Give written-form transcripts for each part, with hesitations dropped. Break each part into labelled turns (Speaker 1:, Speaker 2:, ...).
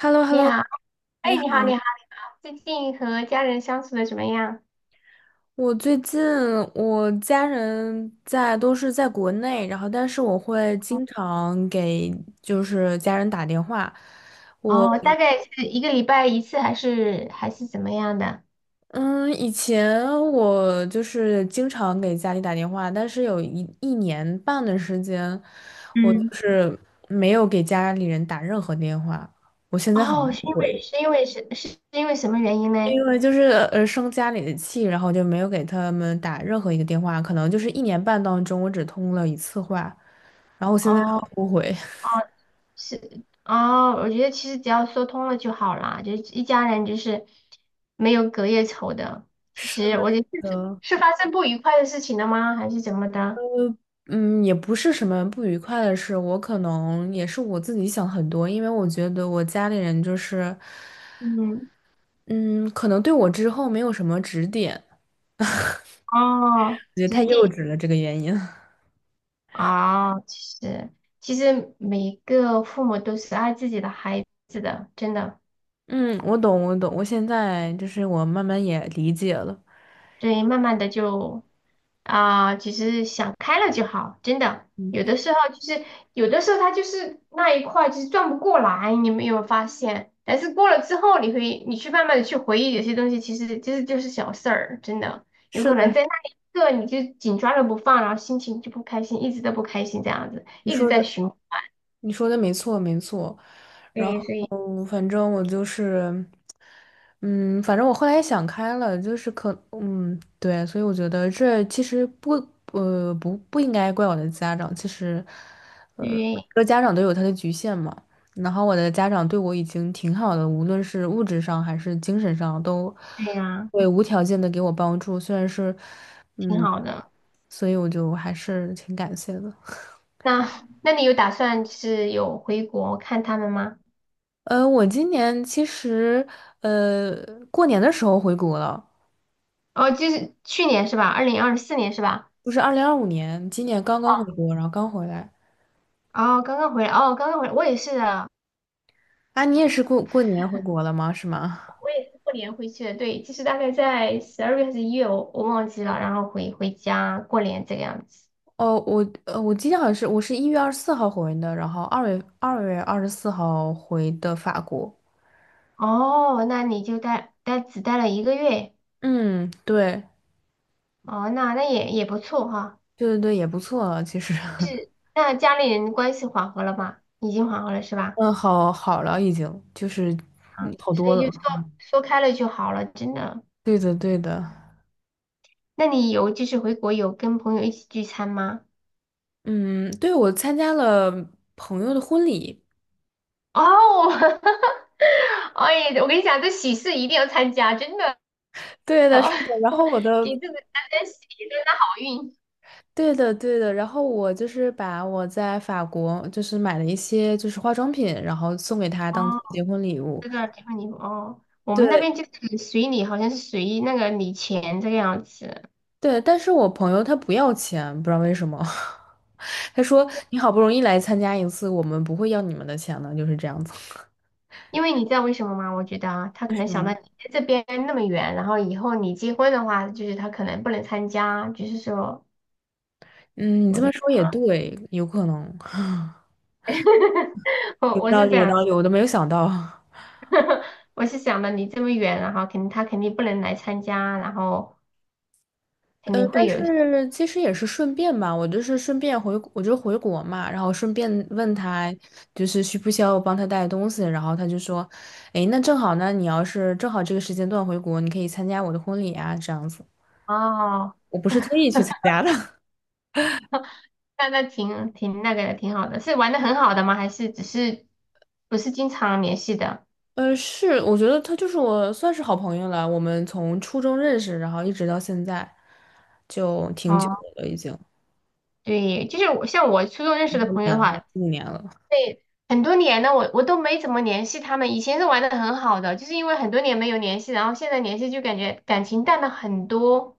Speaker 1: h e l l o h e l l
Speaker 2: 你
Speaker 1: o
Speaker 2: 好，哎，
Speaker 1: 你好。
Speaker 2: 你好，你好，最近和家人相处的怎么样？
Speaker 1: 我最近我家人都是在国内，然后但是我会经常给就是家人打电话。我
Speaker 2: 哦，大概是一个礼拜一次，还是怎么样的？
Speaker 1: 嗯，以前我就是经常给家里打电话，但是有一年半的时间，我就
Speaker 2: 嗯。
Speaker 1: 是没有给家里人打任何电话，
Speaker 2: 哦，是因为
Speaker 1: 会，
Speaker 2: 是因为是是是因为什么原因呢？
Speaker 1: 因为就是生家里的气，然后就没有给他们打任何一个电话，可能就是一年半当中我只通了一次话。然后我现在很
Speaker 2: 哦
Speaker 1: 后悔。
Speaker 2: 哦，是哦，我觉得其实只要说通了就好啦，就是一家人就是没有隔夜仇的。其
Speaker 1: 是
Speaker 2: 实我觉得是
Speaker 1: 的，
Speaker 2: 是发生不愉快的事情了吗？还是怎么的？
Speaker 1: 嗯，也不是什么不愉快的事，我可能也是我自己想很多，因为我觉得我家里人就是，
Speaker 2: 嗯。
Speaker 1: 嗯，可能对我之后没有什么指点，
Speaker 2: 哦，
Speaker 1: 我觉得太
Speaker 2: 指
Speaker 1: 幼
Speaker 2: 点。
Speaker 1: 稚了这个原因。
Speaker 2: 哦，实其实每一个父母都是爱自己的孩子的，真的。
Speaker 1: 嗯，我懂，我懂，我现在就是我慢慢也理解了。
Speaker 2: 所以慢慢的就啊，其实想开了就好，真的。
Speaker 1: 嗯，
Speaker 2: 有的时候他就是那一块就是转不过来，你有没有发现？但是过了之后，你去慢慢的去回忆有些东西，其实就是小事儿，真的。有
Speaker 1: 是
Speaker 2: 可
Speaker 1: 的，
Speaker 2: 能在那一刻你就紧抓着不放，然后心情就不开心，一直都不开心这样子，
Speaker 1: 你
Speaker 2: 一直
Speaker 1: 说
Speaker 2: 在
Speaker 1: 的
Speaker 2: 循环。
Speaker 1: 你说的没错，没错。然
Speaker 2: 对，所以
Speaker 1: 后反正我就是，反正我后来也想开了，就是对，所以我觉得这其实不应该怪我的家长，其实，
Speaker 2: 对
Speaker 1: 每个家长都有他的局限嘛。然后我的家长对我已经挺好的，无论是物质上还是精神上，都
Speaker 2: 对呀，
Speaker 1: 会无条件的给我帮助。虽然是，
Speaker 2: 挺好的。
Speaker 1: 所以我就还是挺感谢的。
Speaker 2: 那那你有打算就是有回国看他们吗？
Speaker 1: 我今年其实呃过年的时候回国了，
Speaker 2: 哦，就是去年是吧？2024年是吧？
Speaker 1: 就是2025年，今年刚刚回国，然后刚回来。
Speaker 2: 哦，刚刚回来，哦，刚刚回来，我也是的，
Speaker 1: 啊，你也是过过年回国了吗？是吗？
Speaker 2: 我也是过年回去的。对，就是大概在12月还是1月，我忘记了，然后回家过年这个样子。
Speaker 1: 哦，我记得好像是我是1月24号回的，然后二月二十四号回的法国。
Speaker 2: 哦，那你就待只待了一个月。
Speaker 1: 嗯，对，
Speaker 2: 哦，那也不错哈。
Speaker 1: 对对对，也不错了，其实，
Speaker 2: 那家里人关系缓和了吗？已经缓和了是吧？
Speaker 1: 嗯，好了，已经就是
Speaker 2: 啊，
Speaker 1: 好
Speaker 2: 所
Speaker 1: 多
Speaker 2: 以就
Speaker 1: 了。
Speaker 2: 说开了就好了，真的。
Speaker 1: 对的，对的，
Speaker 2: 那你有就是回国有跟朋友一起聚餐吗？
Speaker 1: 嗯，对，我参加了朋友的婚礼。
Speaker 2: 哦。哎，我跟你讲，这喜事一定要参加，真的。
Speaker 1: 对的，是的。然后 我
Speaker 2: 给
Speaker 1: 的，
Speaker 2: 自己沾沾喜，沾沾好运。
Speaker 1: 对的，对的。然后我就是把我在法国就是买了一些就是化妆品，然后送给他
Speaker 2: 哦，
Speaker 1: 当做结婚礼物。
Speaker 2: 这个地方你哦，我们那
Speaker 1: 对
Speaker 2: 边就是随礼，好像是随那个礼钱这个样子。
Speaker 1: 对，但是我朋友他不要钱，不知道为什么。他说你好不容易来参加一次，我们不会要你们的钱的，就是这样子。
Speaker 2: 因为你知道为什么吗？我觉得啊，他可能想到你在这边那么远，然后以后你结婚的话，就是他可能不能参加，就是说，
Speaker 1: 嗯，你
Speaker 2: 我
Speaker 1: 这
Speaker 2: 觉
Speaker 1: 么
Speaker 2: 得
Speaker 1: 说也对，有可能，
Speaker 2: 我
Speaker 1: 有
Speaker 2: 我
Speaker 1: 道
Speaker 2: 是
Speaker 1: 理，
Speaker 2: 这
Speaker 1: 有
Speaker 2: 样。
Speaker 1: 道理，我都没有想到。
Speaker 2: 我是想的，离这么远，然后肯定他肯定不能来参加，然后肯定会
Speaker 1: 但
Speaker 2: 有一些。
Speaker 1: 是其实也是顺便吧，我就是顺便回，我就回国嘛，然后顺便问他，就是需不需要我帮他带东西，然后他就说，诶，那正好呢，你要是正好这个时间段回国，你可以参加我的婚礼啊，这样子。
Speaker 2: 哦，
Speaker 1: 我不是特意去参加的，
Speaker 2: 那挺那个的，挺好的，是玩的很好的吗？还是只是不是经常联系的？
Speaker 1: 是，我觉得他就是我算是好朋友了，我们从初中认识，然后一直到现在，就挺久
Speaker 2: 哦，
Speaker 1: 的了，已经
Speaker 2: 对，就是像我初中认
Speaker 1: 一
Speaker 2: 识的朋友
Speaker 1: 年
Speaker 2: 的
Speaker 1: 了，
Speaker 2: 话，
Speaker 1: 四五年了，
Speaker 2: 很多年了，我都没怎么联系他们，以前是玩的很好的，就是因为很多年没有联系，然后现在联系就感觉感情淡了很多。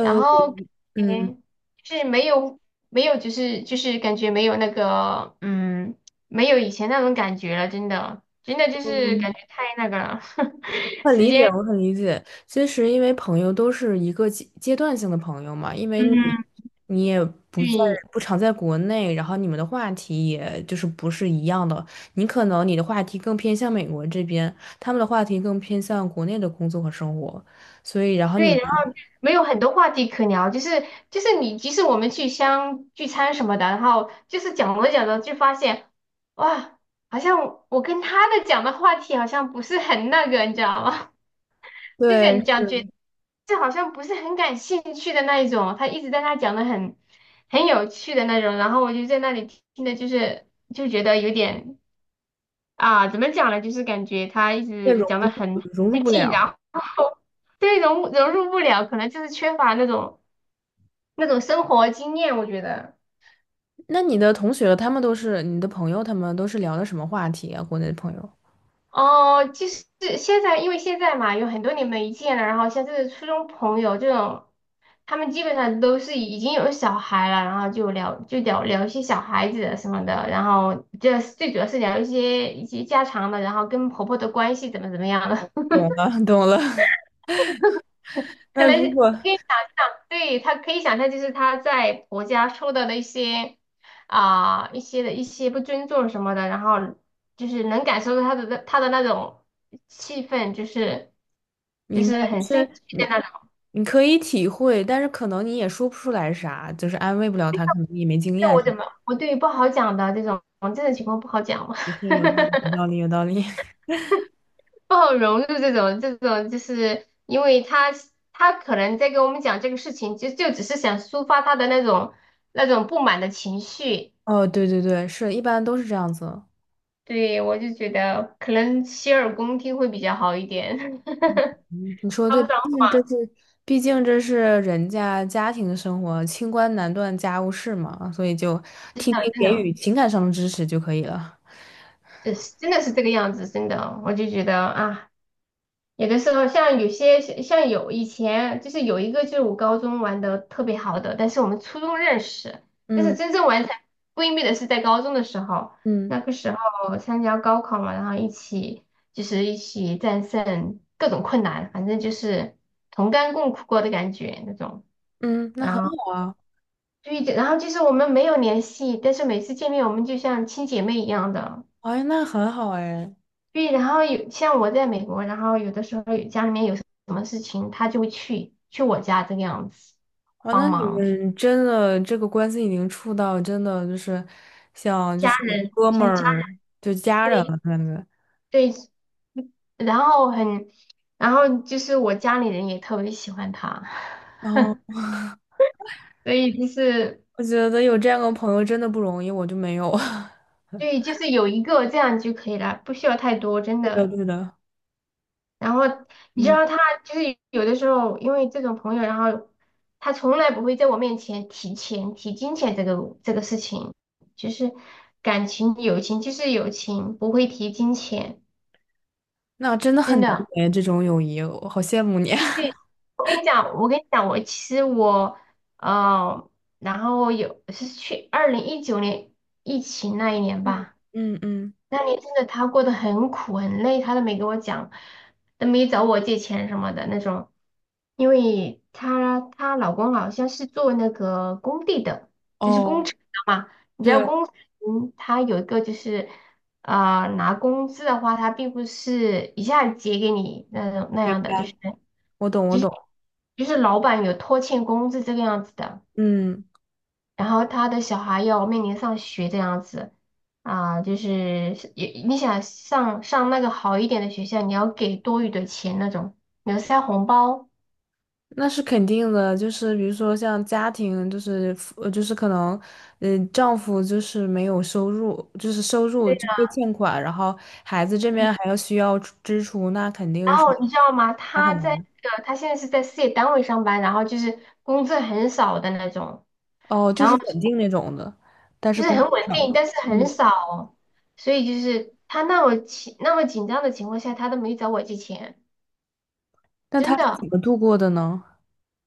Speaker 2: 然后
Speaker 1: 嗯。
Speaker 2: 嗯，就是没有，就是感觉没有那个嗯，没有以前那种感觉了，真的就是感觉太那个了。
Speaker 1: 很
Speaker 2: 时
Speaker 1: 理解，
Speaker 2: 间
Speaker 1: 我很理解。其实，因为朋友都是一个阶段性的朋友嘛，因为你
Speaker 2: 嗯，
Speaker 1: 你也不在
Speaker 2: 对
Speaker 1: 不常在国内，然后你们的话题也就是不是一样的。你可能你的话题更偏向美国这边，他们的话题更偏向国内的工作和生活，所以然后你
Speaker 2: 对，
Speaker 1: 们
Speaker 2: 然后没有很多话题可聊，就是你即使我们去相聚餐什么的，然后就是讲着讲着就发现哇，好像我跟他的讲的话题好像不是很那个，你知道吗？就是
Speaker 1: 对
Speaker 2: 感讲觉
Speaker 1: 是
Speaker 2: 这好像不是很感兴趣的那一种，他一直在那讲的很有趣的那种，然后我就在那里听的，就觉得有点啊，怎么讲呢？就是感觉他一
Speaker 1: 也
Speaker 2: 直
Speaker 1: 融
Speaker 2: 讲的
Speaker 1: 不
Speaker 2: 很费
Speaker 1: 融入不
Speaker 2: 劲，然
Speaker 1: 了。
Speaker 2: 后对融入不了，可能就是缺乏那种生活经验，我觉得。
Speaker 1: 那你的同学他们都是你的朋友，他们都是聊的什么话题啊？国内的朋友。
Speaker 2: 哦，就是现在，因为现在嘛，有很多年没见了，然后像这个初中朋友这种，他们基本上都是已经有小孩了，然后就聊聊一些小孩子什么的，然后这最主要是聊一些家常的，然后跟婆婆的关系怎么样的。
Speaker 1: 懂了，懂了。
Speaker 2: 可
Speaker 1: 那
Speaker 2: 能。
Speaker 1: 如果
Speaker 2: 对，他可以想象，就是他在婆家受到的一些不尊重什么的，然后就是能感受到他的那种气氛，就是就
Speaker 1: 明白，
Speaker 2: 是很
Speaker 1: 就
Speaker 2: 生
Speaker 1: 是
Speaker 2: 气的
Speaker 1: 你
Speaker 2: 那种。
Speaker 1: 你可以体会，但是可能你也说不出来啥，就是安慰不了他，可能你也没经
Speaker 2: 对，
Speaker 1: 验。
Speaker 2: 我怎么我对于不好讲的这种情况不好讲。
Speaker 1: 也是 有道理，有道理，有道理。
Speaker 2: 不好融入这种，就是因为他可能在跟我们讲这个事情，就只是想抒发他的那种不满的情绪。
Speaker 1: 哦，对对对，是一般都是这样子。
Speaker 2: 对，我就觉得可能洗耳恭听会比较好一点。
Speaker 1: 你说
Speaker 2: 他
Speaker 1: 对，
Speaker 2: 们
Speaker 1: 毕
Speaker 2: 老
Speaker 1: 竟这是，毕竟这是人家家庭生活，清官难断家务事嘛，所以就听
Speaker 2: 板
Speaker 1: 听
Speaker 2: 真
Speaker 1: 给
Speaker 2: 的，
Speaker 1: 予情感上的支持就可以了。
Speaker 2: 就是真的是这个样子，真的，我就觉得啊，有的时候像有以前就是有一个就是我高中玩的特别好的，但是我们初中认识，但是
Speaker 1: 嗯
Speaker 2: 真正玩成闺蜜的是在高中的时候。
Speaker 1: 嗯
Speaker 2: 那个时候参加高考嘛，然后一起战胜各种困难，反正就是同甘共苦过的感觉那种。
Speaker 1: 嗯，那很
Speaker 2: 然后。
Speaker 1: 好啊，
Speaker 2: 对的，然后就是我们没有联系，但是每次见面我们就像亲姐妹一样的。
Speaker 1: 哎，那很好哎。
Speaker 2: 对，然后有像我在美国，然后有的时候有家里面有什么事情，他就会去我家这个样子
Speaker 1: 哦，那
Speaker 2: 帮
Speaker 1: 你
Speaker 2: 忙，
Speaker 1: 们真的这个关系已经处到真的就是像就
Speaker 2: 家
Speaker 1: 是
Speaker 2: 人
Speaker 1: 哥们
Speaker 2: 像家
Speaker 1: 儿
Speaker 2: 人，
Speaker 1: 就家人
Speaker 2: 对
Speaker 1: 了感觉。
Speaker 2: 对，然后很，然后就是我家里人也特别喜欢他。
Speaker 1: 然后
Speaker 2: 所以就是
Speaker 1: 我觉得有这样的朋友真的不容易，我就没有。
Speaker 2: 对，就是有一个这样就可以了，不需要太多，真
Speaker 1: 对的，
Speaker 2: 的。
Speaker 1: 对的，
Speaker 2: 然后你知
Speaker 1: 嗯，
Speaker 2: 道他就是有的时候因为这种朋友，然后他从来不会在我面前提钱、提金钱这个事情，就是感情、友情就是友情，不会提金钱，
Speaker 1: 那真的很
Speaker 2: 真
Speaker 1: 难
Speaker 2: 的。
Speaker 1: 得这种友谊，我好羡慕你。
Speaker 2: 对，我跟你讲，我其实呃，然后有是去2019年疫情那一年
Speaker 1: 嗯
Speaker 2: 吧。
Speaker 1: 嗯嗯，
Speaker 2: 那年真的她过得很苦很累，她都没给我讲，都没找我借钱什么的那种，因为她老公好像是做那个工地的，就是工
Speaker 1: 哦，
Speaker 2: 程的嘛。你知道
Speaker 1: 对，
Speaker 2: 工程他有一个就是拿工资的话，他并不是一下子结给你那种那
Speaker 1: 明
Speaker 2: 样的，就是
Speaker 1: 白，我懂，我
Speaker 2: 就是
Speaker 1: 懂，
Speaker 2: 就是老板有拖欠工资这个样子的。
Speaker 1: 嗯。
Speaker 2: 然后他的小孩要面临上学这样子啊，就是也你想上那个好一点的学校，你要给多余的钱那种，你要塞红包。
Speaker 1: 那是肯定的，就是比如说像家庭，就是就是可能，丈夫就是没有收入，就是收入就会欠款，然后孩子这边还要需要支出，那肯
Speaker 2: 然
Speaker 1: 定是
Speaker 2: 后你知道吗？
Speaker 1: 那很难
Speaker 2: 他现在是在事业单位上班，然后就是工资很少的那种，
Speaker 1: 哦，就
Speaker 2: 然
Speaker 1: 是
Speaker 2: 后
Speaker 1: 稳定那种的，但是
Speaker 2: 就是
Speaker 1: 工资
Speaker 2: 很稳定，
Speaker 1: 少。
Speaker 2: 但是很
Speaker 1: 嗯，
Speaker 2: 少，所以就是他那么紧张的情况下，他都没找我借钱，
Speaker 1: 那他
Speaker 2: 真
Speaker 1: 是
Speaker 2: 的，
Speaker 1: 怎么度过的呢？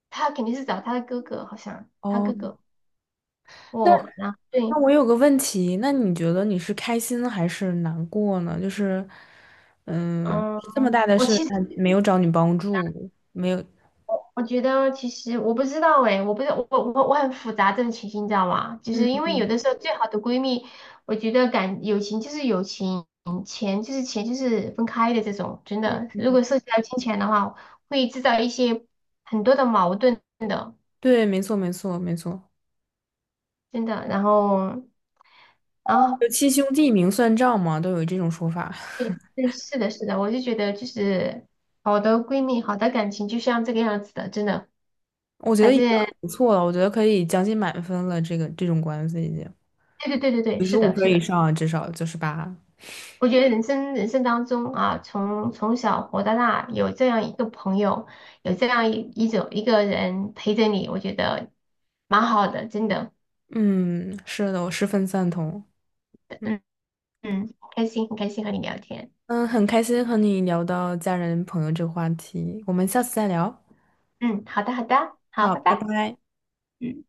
Speaker 2: 他肯定是找他的哥哥，好像他哥
Speaker 1: 哦，
Speaker 2: 哥
Speaker 1: 那
Speaker 2: 我，然后对。
Speaker 1: 那我有个问题，那你觉得你是开心还是难过呢？就是，嗯，
Speaker 2: 嗯，
Speaker 1: 这么大的
Speaker 2: 我
Speaker 1: 事，
Speaker 2: 其实
Speaker 1: 他没有找你帮助，没有。
Speaker 2: 我觉得，其实我不知道诶，我不知我我我很复杂这种情形，你知道吗？就是
Speaker 1: 嗯。
Speaker 2: 因为有的时候最好的闺蜜，我觉得感友情就是友情，钱就是钱就是分开的这种，真的。如果涉及到金钱的话，会制造一些很多的矛盾，
Speaker 1: 对，没错，没错，没错，
Speaker 2: 真的。然后，然后
Speaker 1: 就七兄弟明算账嘛，都有这种说法。
Speaker 2: 对 对，是的，是的，我就觉得就是好的闺蜜，好的感情就像这个样子的，真的。
Speaker 1: 我觉得
Speaker 2: 反
Speaker 1: 已
Speaker 2: 正
Speaker 1: 经很不错了，我觉得可以将近满分了。这种关系已经
Speaker 2: 对对对对对，
Speaker 1: 九十
Speaker 2: 是
Speaker 1: 五
Speaker 2: 的，
Speaker 1: 分
Speaker 2: 是
Speaker 1: 以
Speaker 2: 的。
Speaker 1: 上啊，至少98。
Speaker 2: 我觉得人生当中啊，从小活到大，有这样一个朋友，有这样一个人陪着你，我觉得蛮好的，真的，
Speaker 1: 嗯，是的，我十分赞同。嗯，
Speaker 2: 嗯嗯，开心，很开心和你聊天，
Speaker 1: 嗯很开心和你聊到家人朋友这个话题，我们下次再聊。
Speaker 2: 嗯，好的好的，好，
Speaker 1: 好，
Speaker 2: 拜拜。
Speaker 1: 拜拜。
Speaker 2: 嗯。